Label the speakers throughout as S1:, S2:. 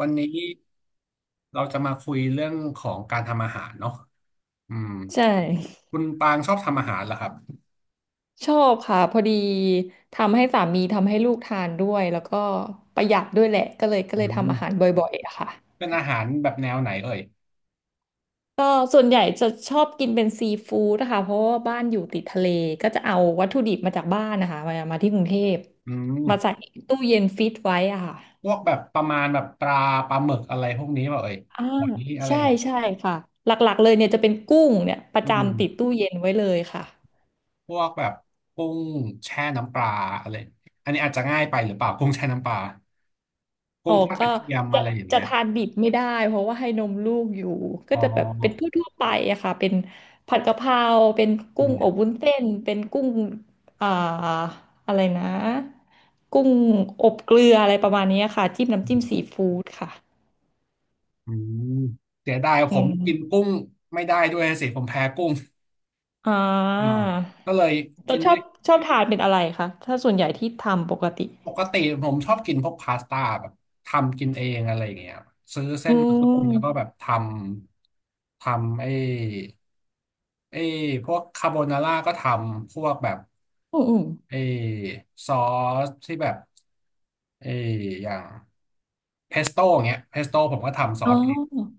S1: วันนี้เราจะมาคุยเรื่องของการทำอาหารเนาะอืม
S2: ใช่
S1: คุณปางชอบทำอาหารเหรอครับ
S2: ชอบค่ะพอดีทำให้สามีทำให้ลูกทานด้วยแล้วก็ประหยัดด้วยแหละก็เลยก็
S1: อื
S2: เลยทำอาหาร
S1: ม
S2: บ่อยๆอะค่ะ
S1: เป็นอาหารแบบแนวไหนเอ่ย
S2: ก็ส่วนใหญ่จะชอบกินเป็นซีฟู้ดนะคะเพราะว่าบ้านอยู่ติดทะเลก็จะเอาวัตถุดิบมาจากบ้านนะคะมาที่กรุงเทพ
S1: อืม
S2: มาใส่ตู้เย็นฟิตไว้อะค่ะ
S1: พวกแบบประมาณแบบปลาปลาหมึกอะไรพวกนี้เปล่าเอ่ย
S2: อ่า
S1: หอยอะไร
S2: ใช่ใช่ค่ะหลักๆเลยเนี่ยจะเป็นกุ้งเนี่ยประ
S1: อื
S2: จำติด
S1: ม
S2: ตู้เย็นไว้เลยค่ะ
S1: พวกแบบกุ้งแช่น้ำปลาอะไรอันนี้อาจจะง่ายไปหรือเปล่ากุ้งแช่น้ำปลากุ้
S2: อ๋อ
S1: งทอดก
S2: ก็
S1: ระเทียม
S2: จะ
S1: อะไรอย่าง
S2: จะ
S1: เงี้ย
S2: ทานดิบไม่ได้เพราะว่าให้นมลูกอยู่ก็
S1: อ๋
S2: จะแบบเป็น
S1: อ
S2: ทั่วๆไปอะค่ะเป็นผัดกะเพราเป็น
S1: อื
S2: กุ้ง
S1: ม
S2: อบวุ้นเส้นเป็นกุ้งอ่าอะไรนะกุ้งอบเกลืออะไรประมาณนี้ค่ะจิ้มน้ำ
S1: อื
S2: จิ้ม
S1: ม
S2: ซีฟู้ดค่ะ
S1: อืมเสียดายผ
S2: อื
S1: มกิน
S2: ม
S1: กุ้งไม่ได้ด้วยสิผมแพ้กุ้ง
S2: อ่
S1: อ่า
S2: า
S1: ก็เลย
S2: เรา
S1: กิน
S2: ชอ
S1: ได้
S2: บชอบทานเป็นอะไรคะถ้าส่วนใหญ่ที่ทำปกติ
S1: ปกติผมชอบกินพวกพาสต้าแบบทำกินเองอะไรอย่างเงี้ยซื้อเส้
S2: อื
S1: นมาต้มแล้วก็แบบ
S2: ม
S1: ทำไอ้ไอ้พวกคาโบนาร่าก็ทำพวกแบบ
S2: อืมอืม
S1: ไอ้ซอสที่แบบไอ้อย่างเพสโต้เงี้ยเพสโต้ผมก็ทำซอ
S2: อ๋
S1: ส
S2: อ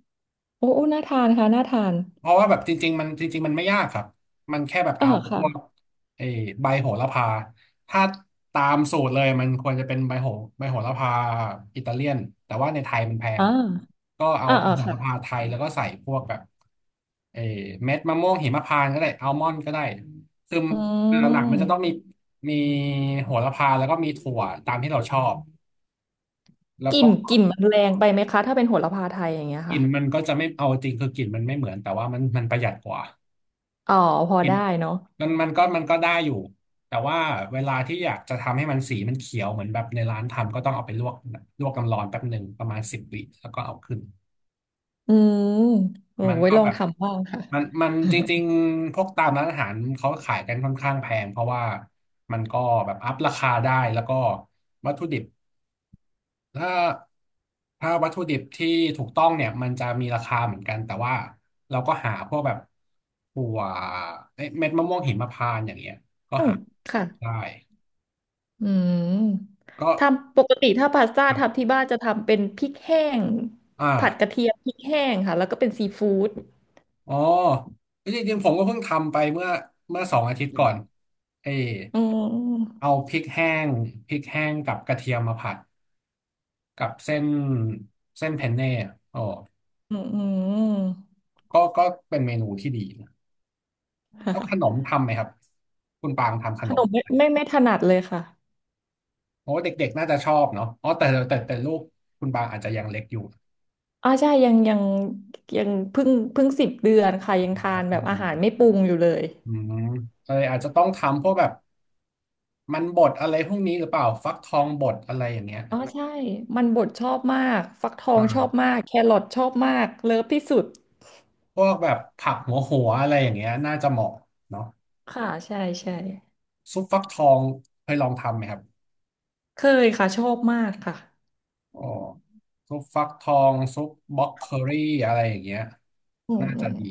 S2: โอ้โอ้น่าทานค่ะน่าทาน
S1: เพราะว่าแบบจริงๆมันจริงๆมันไม่ยากครับมันแค่แบบ
S2: เออ
S1: เอาพ
S2: ค่ะ
S1: วกไอ้ใบโหระพาถ้าตามสูตรเลยมันควรจะเป็นใบโหระพาอิตาเลียนแต่ว่าในไทยมันแพ
S2: อ่
S1: ง
S2: า
S1: ก็เอา
S2: อ่า
S1: ใบ
S2: อ่า
S1: โห
S2: ค่ะ
S1: ระพาไทยแล้วก็ใส่พวกแบบไอ้เม็ดมะม่วงหิมพานต์ก็ได้อัลมอนด์ก็ได้คือ
S2: อื
S1: หลักๆมันจะต้องมี
S2: ม
S1: มีโหระพาแล้วก็มีถั่วตามที่เราชอบแล้ว
S2: กลิ่
S1: ก็
S2: นกลิ่นมันแรงไปไหมคะถ้าเป็นโหระพาไทยอย่างเงี้ย
S1: กลิ่
S2: ค่ะ
S1: นมันก็จะไม่เอาจริงคือกลิ่นมันไม่เหมือนแต่ว่ามันประหยัดกว่า
S2: อ๋อพอได้เนาะ
S1: มันก็ได้อยู่แต่ว่าเวลาที่อยากจะทำให้มันสีมันเขียวเหมือนแบบในร้านทำก็ต้องเอาไปลวกลวกน้ำร้อนแป๊บหนึ่งประมาณ10 วิแล้วก็เอาขึ้น
S2: อืมโอ้
S1: มัน
S2: ไว้
S1: ก็
S2: ลอ
S1: แบ
S2: ง
S1: บ
S2: ทำบ้างค่ะ
S1: มันจริงๆพวกตามร้านอาหารเขาขายกันค่อนข้างแพงเพราะว่ามันก็แบบอัพราคาได้แล้วก็วัตถุดิบถ้าถ้าวัตถุดิบที่ถูกต้องเนี่ยมันจะมีราคาเหมือนกันแต่ว่าเราก็หาพวกแบบถั่วเอ้ยเม็ดมะม่วงหิมพานต์อย่างเงี้ยก็
S2: อืม
S1: หา
S2: ค่ะ
S1: ได้
S2: อืม
S1: ก็
S2: ทำปกติถ้าพาสต้าทำที่บ้านจะทำเป็นพริกแห้งผัดก
S1: อ่า
S2: ระเทียมพริกแห้งค่ะแล้วก็เป็นซีฟู้ด
S1: อ๋อจริงๆผมก็เพิ่งทำไปเมื่อ2 อาทิตย์ก่อนเออ
S2: อืม
S1: เอาพริกแห้งกับกระเทียมมาผัดกับเส้นเพนเน่อะอ๋อ
S2: อืมอืม
S1: ก็เป็นเมนูที่ดีนะ
S2: ค่ะ
S1: แล้วขนมทำไหมครับคุณปางทำข
S2: ข
S1: น
S2: น
S1: ม
S2: มไม่ถนัดเลยค่ะ
S1: โอ้เด็กๆน่าจะชอบเนาะอ๋อแต่ลูกคุณปางอาจจะยังเล็กอยู่
S2: อ๋อใช่ยังยังเพิ่ง10 เดือนค่ะยังทานแบบอาหารไม่ปรุงอยู่เลย
S1: อืมเลยอาจจะต้องทำพวกแบบมันบดอะไรพวกนี้หรือเปล่าฟักทองบดอะไรอย่างเงี้ย
S2: อ๋อใช่มันบดชอบมากฟักทองชอบ
S1: อ่า
S2: มากแครอทชอบมากเลิฟที่สุด
S1: พวกแบบผักหัวอะไรอย่างเงี้ยน่าจะเหมาะเนาะ
S2: ค่ะใช่ใช่
S1: ซุปฟักทองเคยลองทำไหมครับ
S2: เคยค่ะชอบมากค่ะ
S1: อ๋อซุปฟักทองซุปบล็อกเคอรี่อะไรอย่างเงี้ย
S2: อืม
S1: น่า
S2: อื
S1: จะ
S2: ม
S1: ดี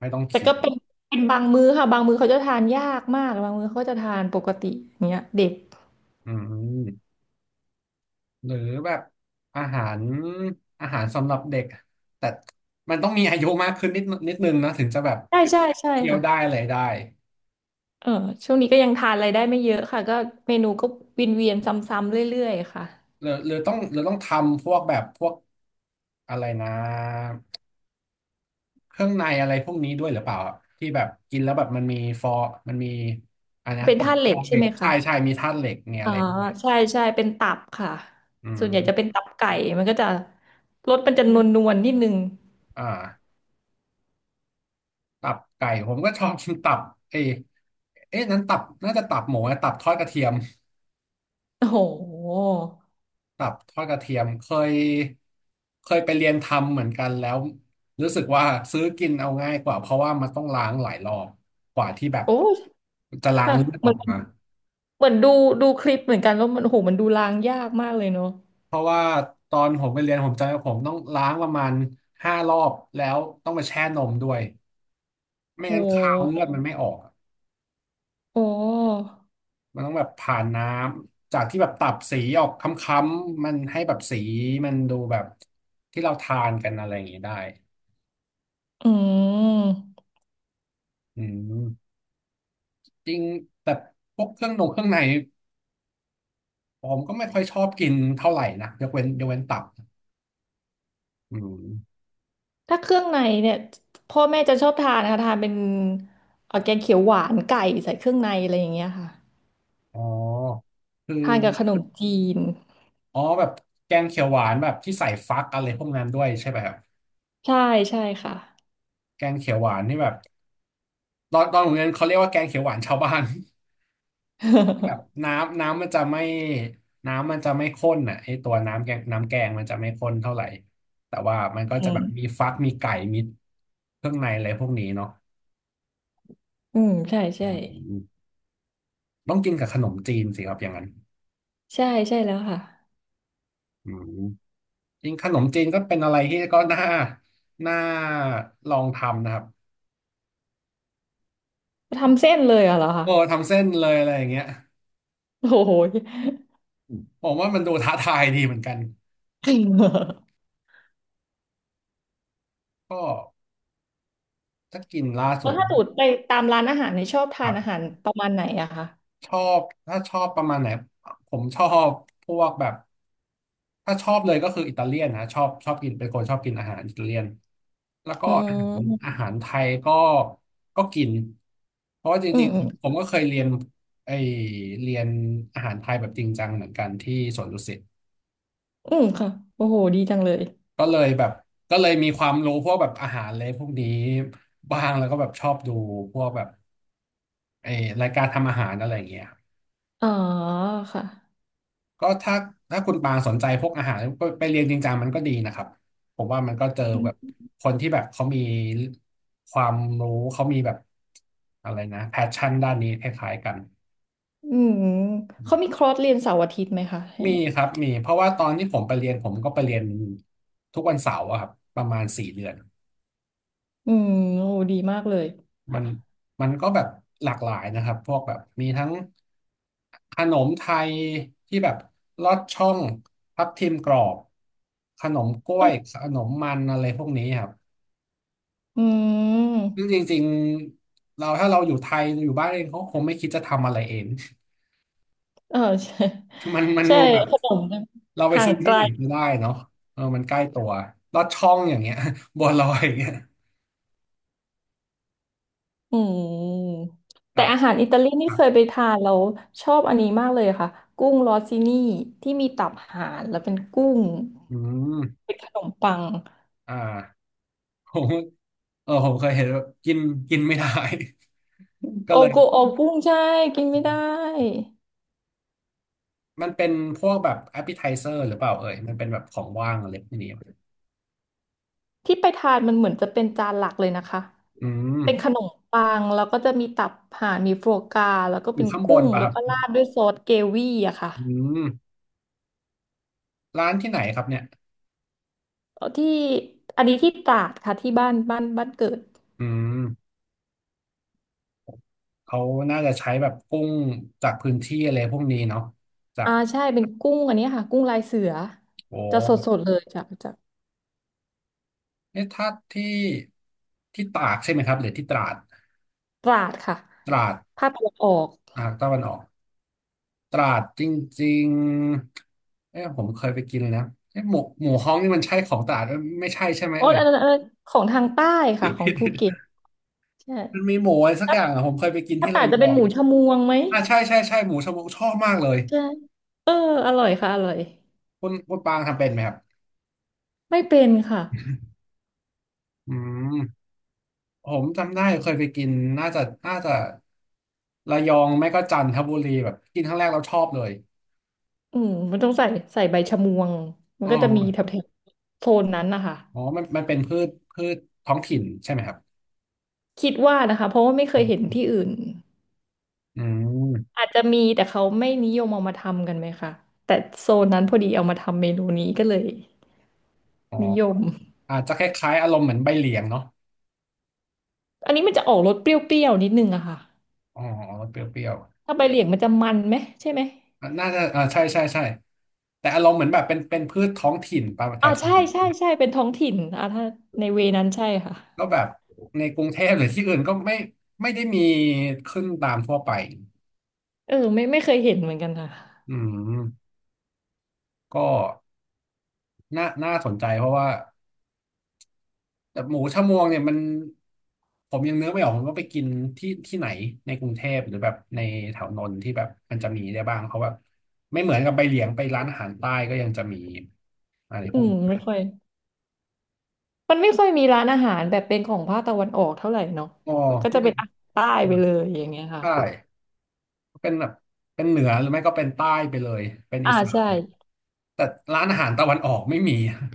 S1: ไม่ต้อง
S2: แต่
S1: เคี่ย
S2: ก็
S1: ว
S2: เป็นบางมื้อค่ะบางมื้อเขาจะทานยากมากบางมื้อเขาจะทานปกติอย่างเงี้ยเด็ก
S1: อืมหรือแบบอาหารอาหารสำหรับเด็กแต่มันต้องมีอายุมากขึ้นนิดนึงนะถึงจะแบบ
S2: ใช่ใช่ใช่
S1: เคี้ยว
S2: ค่ะ
S1: ได้อะไรได้
S2: เออช่วงนี้ก็ยังทานอะไรได้ไม่เยอะค่ะก็เมนูก็วนเวียนซ้ำๆเรื่อยๆค่ะ
S1: หรือต้องทำพวกแบบพวกอะไรนะ เครื่องในอะไรพวกนี้ด้วยหรือเปล่าอะที่แบบกินแล้วแบบมันมีฟอร์มันมีอะไรนะ
S2: เป็น
S1: กรด
S2: ธาตุเหล็
S1: ฟอ
S2: ก
S1: ร์เห
S2: ใช่
S1: ล็
S2: ไห
S1: ก
S2: ม
S1: ใช่
S2: คะ
S1: ใช่มีธาตุเหล็กเนี่ย
S2: อ๋
S1: อะ
S2: อ
S1: ไรพวกเนี้ย
S2: ใช่ใช่เป็นตับค่ะ
S1: อื
S2: ส่
S1: ม
S2: วนใหญ่จะเป็นตับไก่มันก็จะรสมันจะนวลๆนิดนึง
S1: อ่าตับไก่ผมก็ชอบกินตับเอยเอ๊ะนั้นตับน่าจะตับหมูนะตับทอดกระเทียม
S2: โอ้โห
S1: ตับทอดกระเทียมยเคยไปเรียนทำเหมือนกันแล้วรู้สึกว่าซื้อกินเอาง่ายกว่าเพราะว่ามันต้องล้างหลายรอบกว่าที่แบบ
S2: โอ้ย
S1: จะล้าง
S2: ค่ะ
S1: เลือด
S2: เห
S1: อ
S2: มื
S1: อ
S2: อ
S1: ก
S2: น
S1: มา
S2: เหมือนดูคลิปเหมือนกันแล้วมันโอ้โหมันดูล้างยากมากเลยเนาะ
S1: เพราะว่าตอนผมไปเรียนผมจำว่าผมต้องล้างประมาณ5 รอบแล้วต้องไปแช่นมด้วย
S2: โอ้
S1: ไม่
S2: โ
S1: งั้นคาวเลื
S2: ห
S1: อดมันไม่ออกอะ
S2: โอ้
S1: มันต้องแบบผ่านน้ำจากที่แบบตับสีออกค้ำๆมันให้แบบสีมันดูแบบที่เราทานกันอะไรอย่างนี้ได้
S2: อืม
S1: อืมจริงแต่พวกเครื่องนงเครื่องในผมก็ไม่ค่อยชอบกินเท่าไหร่นะยกเว้นตับอืม
S2: ถ้าเครื่องในเนี่ยพ่อแม่จะชอบทานนะคะทานเป็นแกงเขียวหวานไก่ใส่เครื่องในอะไรอย่างเงี้ยค่ะ
S1: อ๋อคือ
S2: ทานกับขนมจีน
S1: อ๋อแบบแกงเขียวหวานแบบที่ใส่ฟักอะไรพวกนั้นด้วยใช่ไหมครับ
S2: ใช่ใช่ค่ะ
S1: แกงเขียวหวานนี่แบบตอนโรงเรียนเขาเรียกว่าแกงเขียวหวานชาวบ้าน แบบน้ำมันจะไม่ข้นอ่ะไอตัวน้ำแกงมันจะไม่ข้นเท่าไหร่แต่ว่ามันก็
S2: อื
S1: จะแบ
S2: ม
S1: บมีฟักมีไก่มีเครื่องในอะไรพวกนี้เนาะ
S2: อืมใช่ใช่
S1: อืมต้องกินกับขนมจีนสิครับอย่างนั้น
S2: ใช่ใช่แล้วค่ะ
S1: อืมจริงขนมจีนก็เป็นอะไรที่ก็น่าลองทำนะครับ
S2: ทำเส้นเลยอะเหรอคะ
S1: โอ้ทำเส้นเลยอะไรอย่างเงี้ย
S2: โอ้โห
S1: ผมว่ามันดูท้าทายดีเหมือนกัน ก็ถ้ากินล่าสุ
S2: แล้ว
S1: ด
S2: ถ้าสูตไปตามร้านอาหารเนี่ยชอบ
S1: ค
S2: ทา
S1: รั
S2: นอาหา
S1: บ
S2: รประมาณไหนอะคะ
S1: ชอบถ้าชอบประมาณไหนผมชอบพวกแบบถ้าชอบเลยก็คืออิตาเลียนนะชอบกินเป็นคนชอบกินอาหารอิตาเลียน
S2: อื
S1: อา
S2: ม
S1: หารไทยก็กินเพราะว่าจ
S2: อื
S1: ริ
S2: ม
S1: ง
S2: อืม
S1: ๆผมก็เคยเรียนไอเรียนอาหารไทยแบบจริงจังเหมือนกันที่สวนดุสิต
S2: อืมค่ะ โอ้โหดีจังเลย
S1: ก็เลยแบบก็เลยมีความรู้พวกแบบอาหารเลยพวกนี้บ้างแล้วก็แบบชอบดูพวกแบบไอรายการทำอาหารอะไรอย่างเงี้ย
S2: อ๋อค่ะ
S1: ก็ถ้าคุณปางสนใจพวกอาหารไปเรียนจริงจังมันก็ดีนะครับผมว่ามันก็เจอ
S2: อื
S1: แบบ
S2: ม
S1: คนที่แบบเขามีความรู้เขามีแบบอะไรนะแพชชั่นด้านนี้คล้ายๆกัน
S2: อืม
S1: อื
S2: เขามี
S1: ม
S2: คอร์สเรียนเสาร์อาทิตย์ไหมคะอย่า
S1: มี
S2: งเงี้ย
S1: ครับมีเพราะว่าตอนที่ผมไปเรียนผมก็ไปเรียนทุกวันเสาร์อะครับประมาณ4 เดือน
S2: อืมโอ้ดีมากเลย
S1: มั
S2: ค่ะ
S1: นมันก็แบบหลากหลายนะครับพวกแบบมีทั้งขนมไทยที่แบบลอดช่องทับทิมกรอบขนมกล้
S2: เอ
S1: วย
S2: อ
S1: ขนมมันอะไรพวกนี้ครับ
S2: อื
S1: ซึ่งจ
S2: ม
S1: ริงๆเราถ้าเราอยู่ไทยอยู่บ้านเองเขาคงไม่คิดจะทำอะไรเอง
S2: เออใช่
S1: มัน
S2: ใช่
S1: แบบ
S2: ขนม
S1: เราไป
S2: ห่า
S1: ซื้
S2: ง
S1: อ
S2: ไก
S1: ที่
S2: ล
S1: ไหนก็ได้เนาะเออมันใกล้ตัวลอดช่องอย่างเงี้ย บัวลอยอย่างเงี้ย
S2: อืม
S1: แบ
S2: แต่
S1: บ
S2: อาหารอิตาลี
S1: ค
S2: นี่
S1: รั
S2: เค
S1: บ
S2: ยไปทานแล้วชอบอันนี้มากเลยค่ะกุ้งรอซินี่ที่มีตับห่านแล้วเป็นกุ้ง
S1: อืม
S2: เป็นขนมปัง
S1: อ่าผมเออผมเคยเห็นว่ากินกินไม่ได้ ก็
S2: โอ
S1: เลย
S2: โกโอกุ้งใช่กินไม่ได้
S1: มันเป็นพวกแบบ appetizer หรือเปล่าเอ่ยมันเป็นแบบของว่างอะไรพวกนี้
S2: ที่ไปทานมันเหมือนจะเป็นจานหลักเลยนะคะ
S1: อืม
S2: เป็นขนมปังแล้วก็จะมีตับห่านมีโฟกาแล้วก็
S1: อ
S2: เป็
S1: ยู่
S2: น
S1: ข้างบ
S2: กุ้
S1: น
S2: ง
S1: ป่ะ
S2: แล้
S1: ค
S2: ว
S1: รับ
S2: ก็ราดด้วยซอสเกวี่อะค่ะ
S1: อืมร้านที่ไหนครับเนี่ย
S2: ที่อันนี้ที่ตราดค่ะที่บ้านเกิด
S1: อืมเขาน่าจะใช้แบบกุ้งจากพื้นที่อะไรพวกนี้เนาะจา
S2: อ่า
S1: ก
S2: ใช่เป็นกุ้งอันนี้ค่ะกุ้งลายเสือ
S1: โอ
S2: จะสด
S1: ้
S2: ๆเลยจาก
S1: เอ่ะถ้าที่ตากใช่ไหมครับหรือที่ตราด
S2: ตราดค่ะ
S1: ตราด
S2: ภาคตะวันออก
S1: อ่าตะวันออกตราดจริงๆเอผมเคยไปกินแล้วเอ๊ะหมูฮ้องนี่มันใช่ของตราดเอ้ยไม่ใช่ใช่ไหม
S2: อ๋อ
S1: เอ่ย
S2: อันนั้นของทางใต้ค่ะของภูเก็ตใช่
S1: มันมีหมูอะไรสัก
S2: ถ้า
S1: อย่างอะผมเคยไปกิน
S2: ถ้า
S1: ที่
S2: ต
S1: ระ
S2: ราด
S1: ย
S2: จะ
S1: อ
S2: เป็นห
S1: ง
S2: มูชะมวงไหม
S1: อ่าใช่ใช่ใช่หมูชะมวชอบมากเลย
S2: ใช่เอออร่อยค่ะอร่อย
S1: คุณปางทำเป็นไหมครับ
S2: ไม่เป็นค่ะ
S1: อืมผมจำได้เคยไปกินน่าจะน่าจะระยองไม่ก็จันทบุรีแบบกินครั้งแรกเราชอบเลย
S2: อืมมันต้องใส่ใบชะมวงมัน
S1: อ๋อ
S2: ก็จะมีแถบๆโซนนั้นนะคะ
S1: อ๋อมันเป็นพืชท้องถิ่นใช่ไหมครับ
S2: คิดว่านะคะเพราะว่าไม่เคยเห็นที่อื่น
S1: อืม
S2: อาจจะมีแต่เขาไม่นิยมเอามาทำกันไหมคะแต่โซนนั้นพอดีเอามาทำเมนูนี้ก็เลย
S1: อ๋อ
S2: นิยม
S1: อาจจะคล้ายๆอารมณ์เหมือนใบเหลียงเนาะ
S2: อันนี้มันจะออกรสเปรี้ยวๆนิดนึงอะค่ะ
S1: อ๋อเปรี้ยว
S2: ถ้าใบเหลียงมันจะมันไหมใช่ไหม
S1: ๆอ่ะน่าจะอ่าใช่ใช่ใช่แต่อารมณ์เหมือนแบบเป็นพืชท้องถิ่นปะแถ
S2: อ่า
S1: ว
S2: ใช่ใช่ใช่เป็นท้องถิ่นอ่าถ้าในเวนั้นใช่ค่ะ
S1: แล้วแบบในกรุงเทพหรือที่อื่นก็ไม่ได้มีขึ้นตามทั่วไป
S2: เออไม่ไม่เคยเห็นเหมือนกันค่ะ
S1: อืมก็น่าสนใจเพราะว่าแต่หมูชะมวงเนี่ยมันผมยังนึกไม่ออกผมว่าไปกินที่ไหนในกรุงเทพหรือแบบในแถวนนท์ที่แบบมันจะมีได้บ้างเพราะว่าไม่เหมือนกับไปเหลียงไปร้านอาหารใต้ก็ยังจะมีอะไรพ
S2: อื
S1: วก
S2: มไม่ค่อย มันไม่ค่อยมีร้านอาหารแบบเป็นของภาคตะวันออกเท่าไหร่เนาะ
S1: อ๋อ
S2: มันก็จะ
S1: ไม่
S2: เป็นอาหารใต้ไปเลยอย่างเงี้ยค่ะ
S1: ใช่เป็นแบบเป็นเหนือหรือไม่ก็เป็นใต้ไปเลยเป็นอี
S2: อ่า
S1: สา
S2: ใช่
S1: นแต่ร้านอาหารตะวันออกไม่มี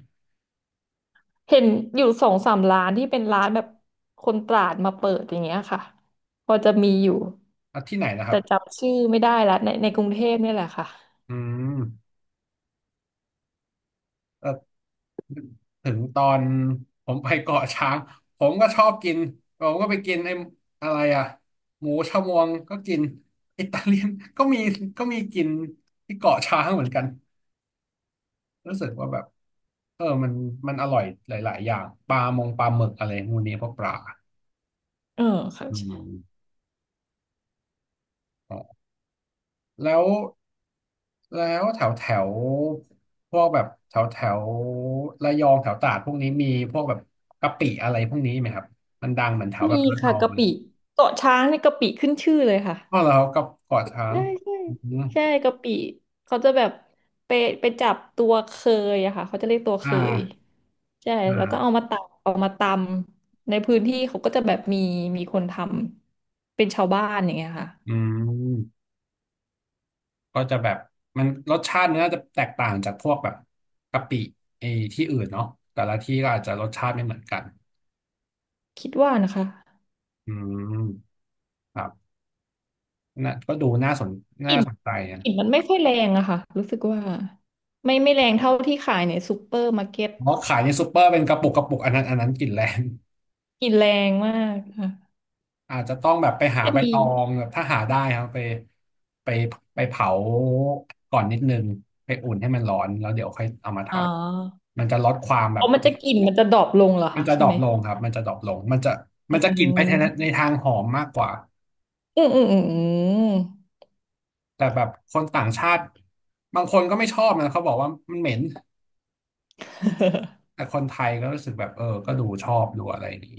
S2: เห็นอยู่สองสามร้านที่เป็นร้านแบบคนตราดมาเปิดอย่างเงี้ยค่ะพอจะมีอยู่
S1: อ่ะที่ไหนนะครั
S2: แต่
S1: บ
S2: จำชื่อไม่ได้ละในกรุงเทพเนี่ยแหละค่ะ
S1: อืมเออถึงตอนผมไปเกาะช้างผมก็ชอบกินผมก็ไปกินไอ้อะไรอ่ะหมูชะมวงก็กินอิตาเลียนก็มีกินที่เกาะช้างเหมือนกันรู้สึกว่าแบบเออมันอร่อยหลายๆอย่างปลามงปลาหมึกอะไรพวกนี้พวกปลา
S2: เออ
S1: อื
S2: ค่ะ
S1: ม แล้วแถวแถวพวกแบบแถวแถวระยองแถวตราดพวกนี้มีพวกแบบกะปิอะไรพวกนี้ไหมครับมันดังเหมือนแถวแบ
S2: มี
S1: บระย
S2: ค่ะ
S1: อง
S2: กะ
S1: เลย
S2: ปิเกาะช้างเนี่ยกะปิขึ้นชื่อเลยค่ะ
S1: ก็แล้วก็เกาะช้าง
S2: ใช่ใช่
S1: อืม
S2: ใช่กะปิเขาจะแบบไปไปจับตัวเคยอะค่ะเขาจะเรียกตัว
S1: อ่
S2: เคย
S1: า
S2: ใช่
S1: อ่
S2: แล้วก็เอา
S1: า
S2: มาตำเอามาตำในพื้นที่เขาก็จะแบบมีคนทำเป็นชาวบ้านอย่างเงี้ยค่ะ
S1: อืมก็จะแบบมันรสชาติมันน่าจะแตกต่างจากพวกแบบกะปิไอ้ที่อื่นเนาะแต่ละที่ก็อาจจะรสชาติไม่เหมือนกัน
S2: คิดว่านะคะ
S1: อืมครับน่ะก็ดูน่าสน
S2: ก
S1: น่า
S2: ลิ่น
S1: สนใจนะ
S2: กลิ่นมันไม่ค่อยแรงอะค่ะรู้สึกว่าไม่แรงเท่าที่ขายในซูเปอร์มาร์เก็ต
S1: เพราะขายในซูเปอร์เป็นกระปุกอันนั้นกลิ่นแรง
S2: กลิ่นแรงมากค่ะ
S1: อาจจะต้องแบบไปหา
S2: จะ
S1: ใบ
S2: มี
S1: ตองแบบถ้าหาได้ครับไปไปไปเผาก่อนนิดนึงไปอุ่นให้มันร้อนแล้วเดี๋ยวค่อยเอามาท
S2: อ๋อ
S1: ำมันจะลดความแบ
S2: อ๋อ
S1: บ
S2: มันจะกลิ่นมันจะดรอปลงเหรอ
S1: มัน
S2: คะ
S1: จะด
S2: ใช่
S1: รอ
S2: ไห
S1: ป
S2: ม
S1: ลงครับมันจะดรอปลงมันจะ
S2: อื
S1: กลิ่นไปใน
S2: ม
S1: ทางหอมมากกว่า
S2: อืมอืมอืมอื
S1: แต่แบบคนต่างชาติบางคนก็ไม่ชอบนะเขาบอกว่ามันเหม็น
S2: ม
S1: แต่คนไทยก็รู้สึกแบบเออก็ดูชอบดูอะไรอย่างนี้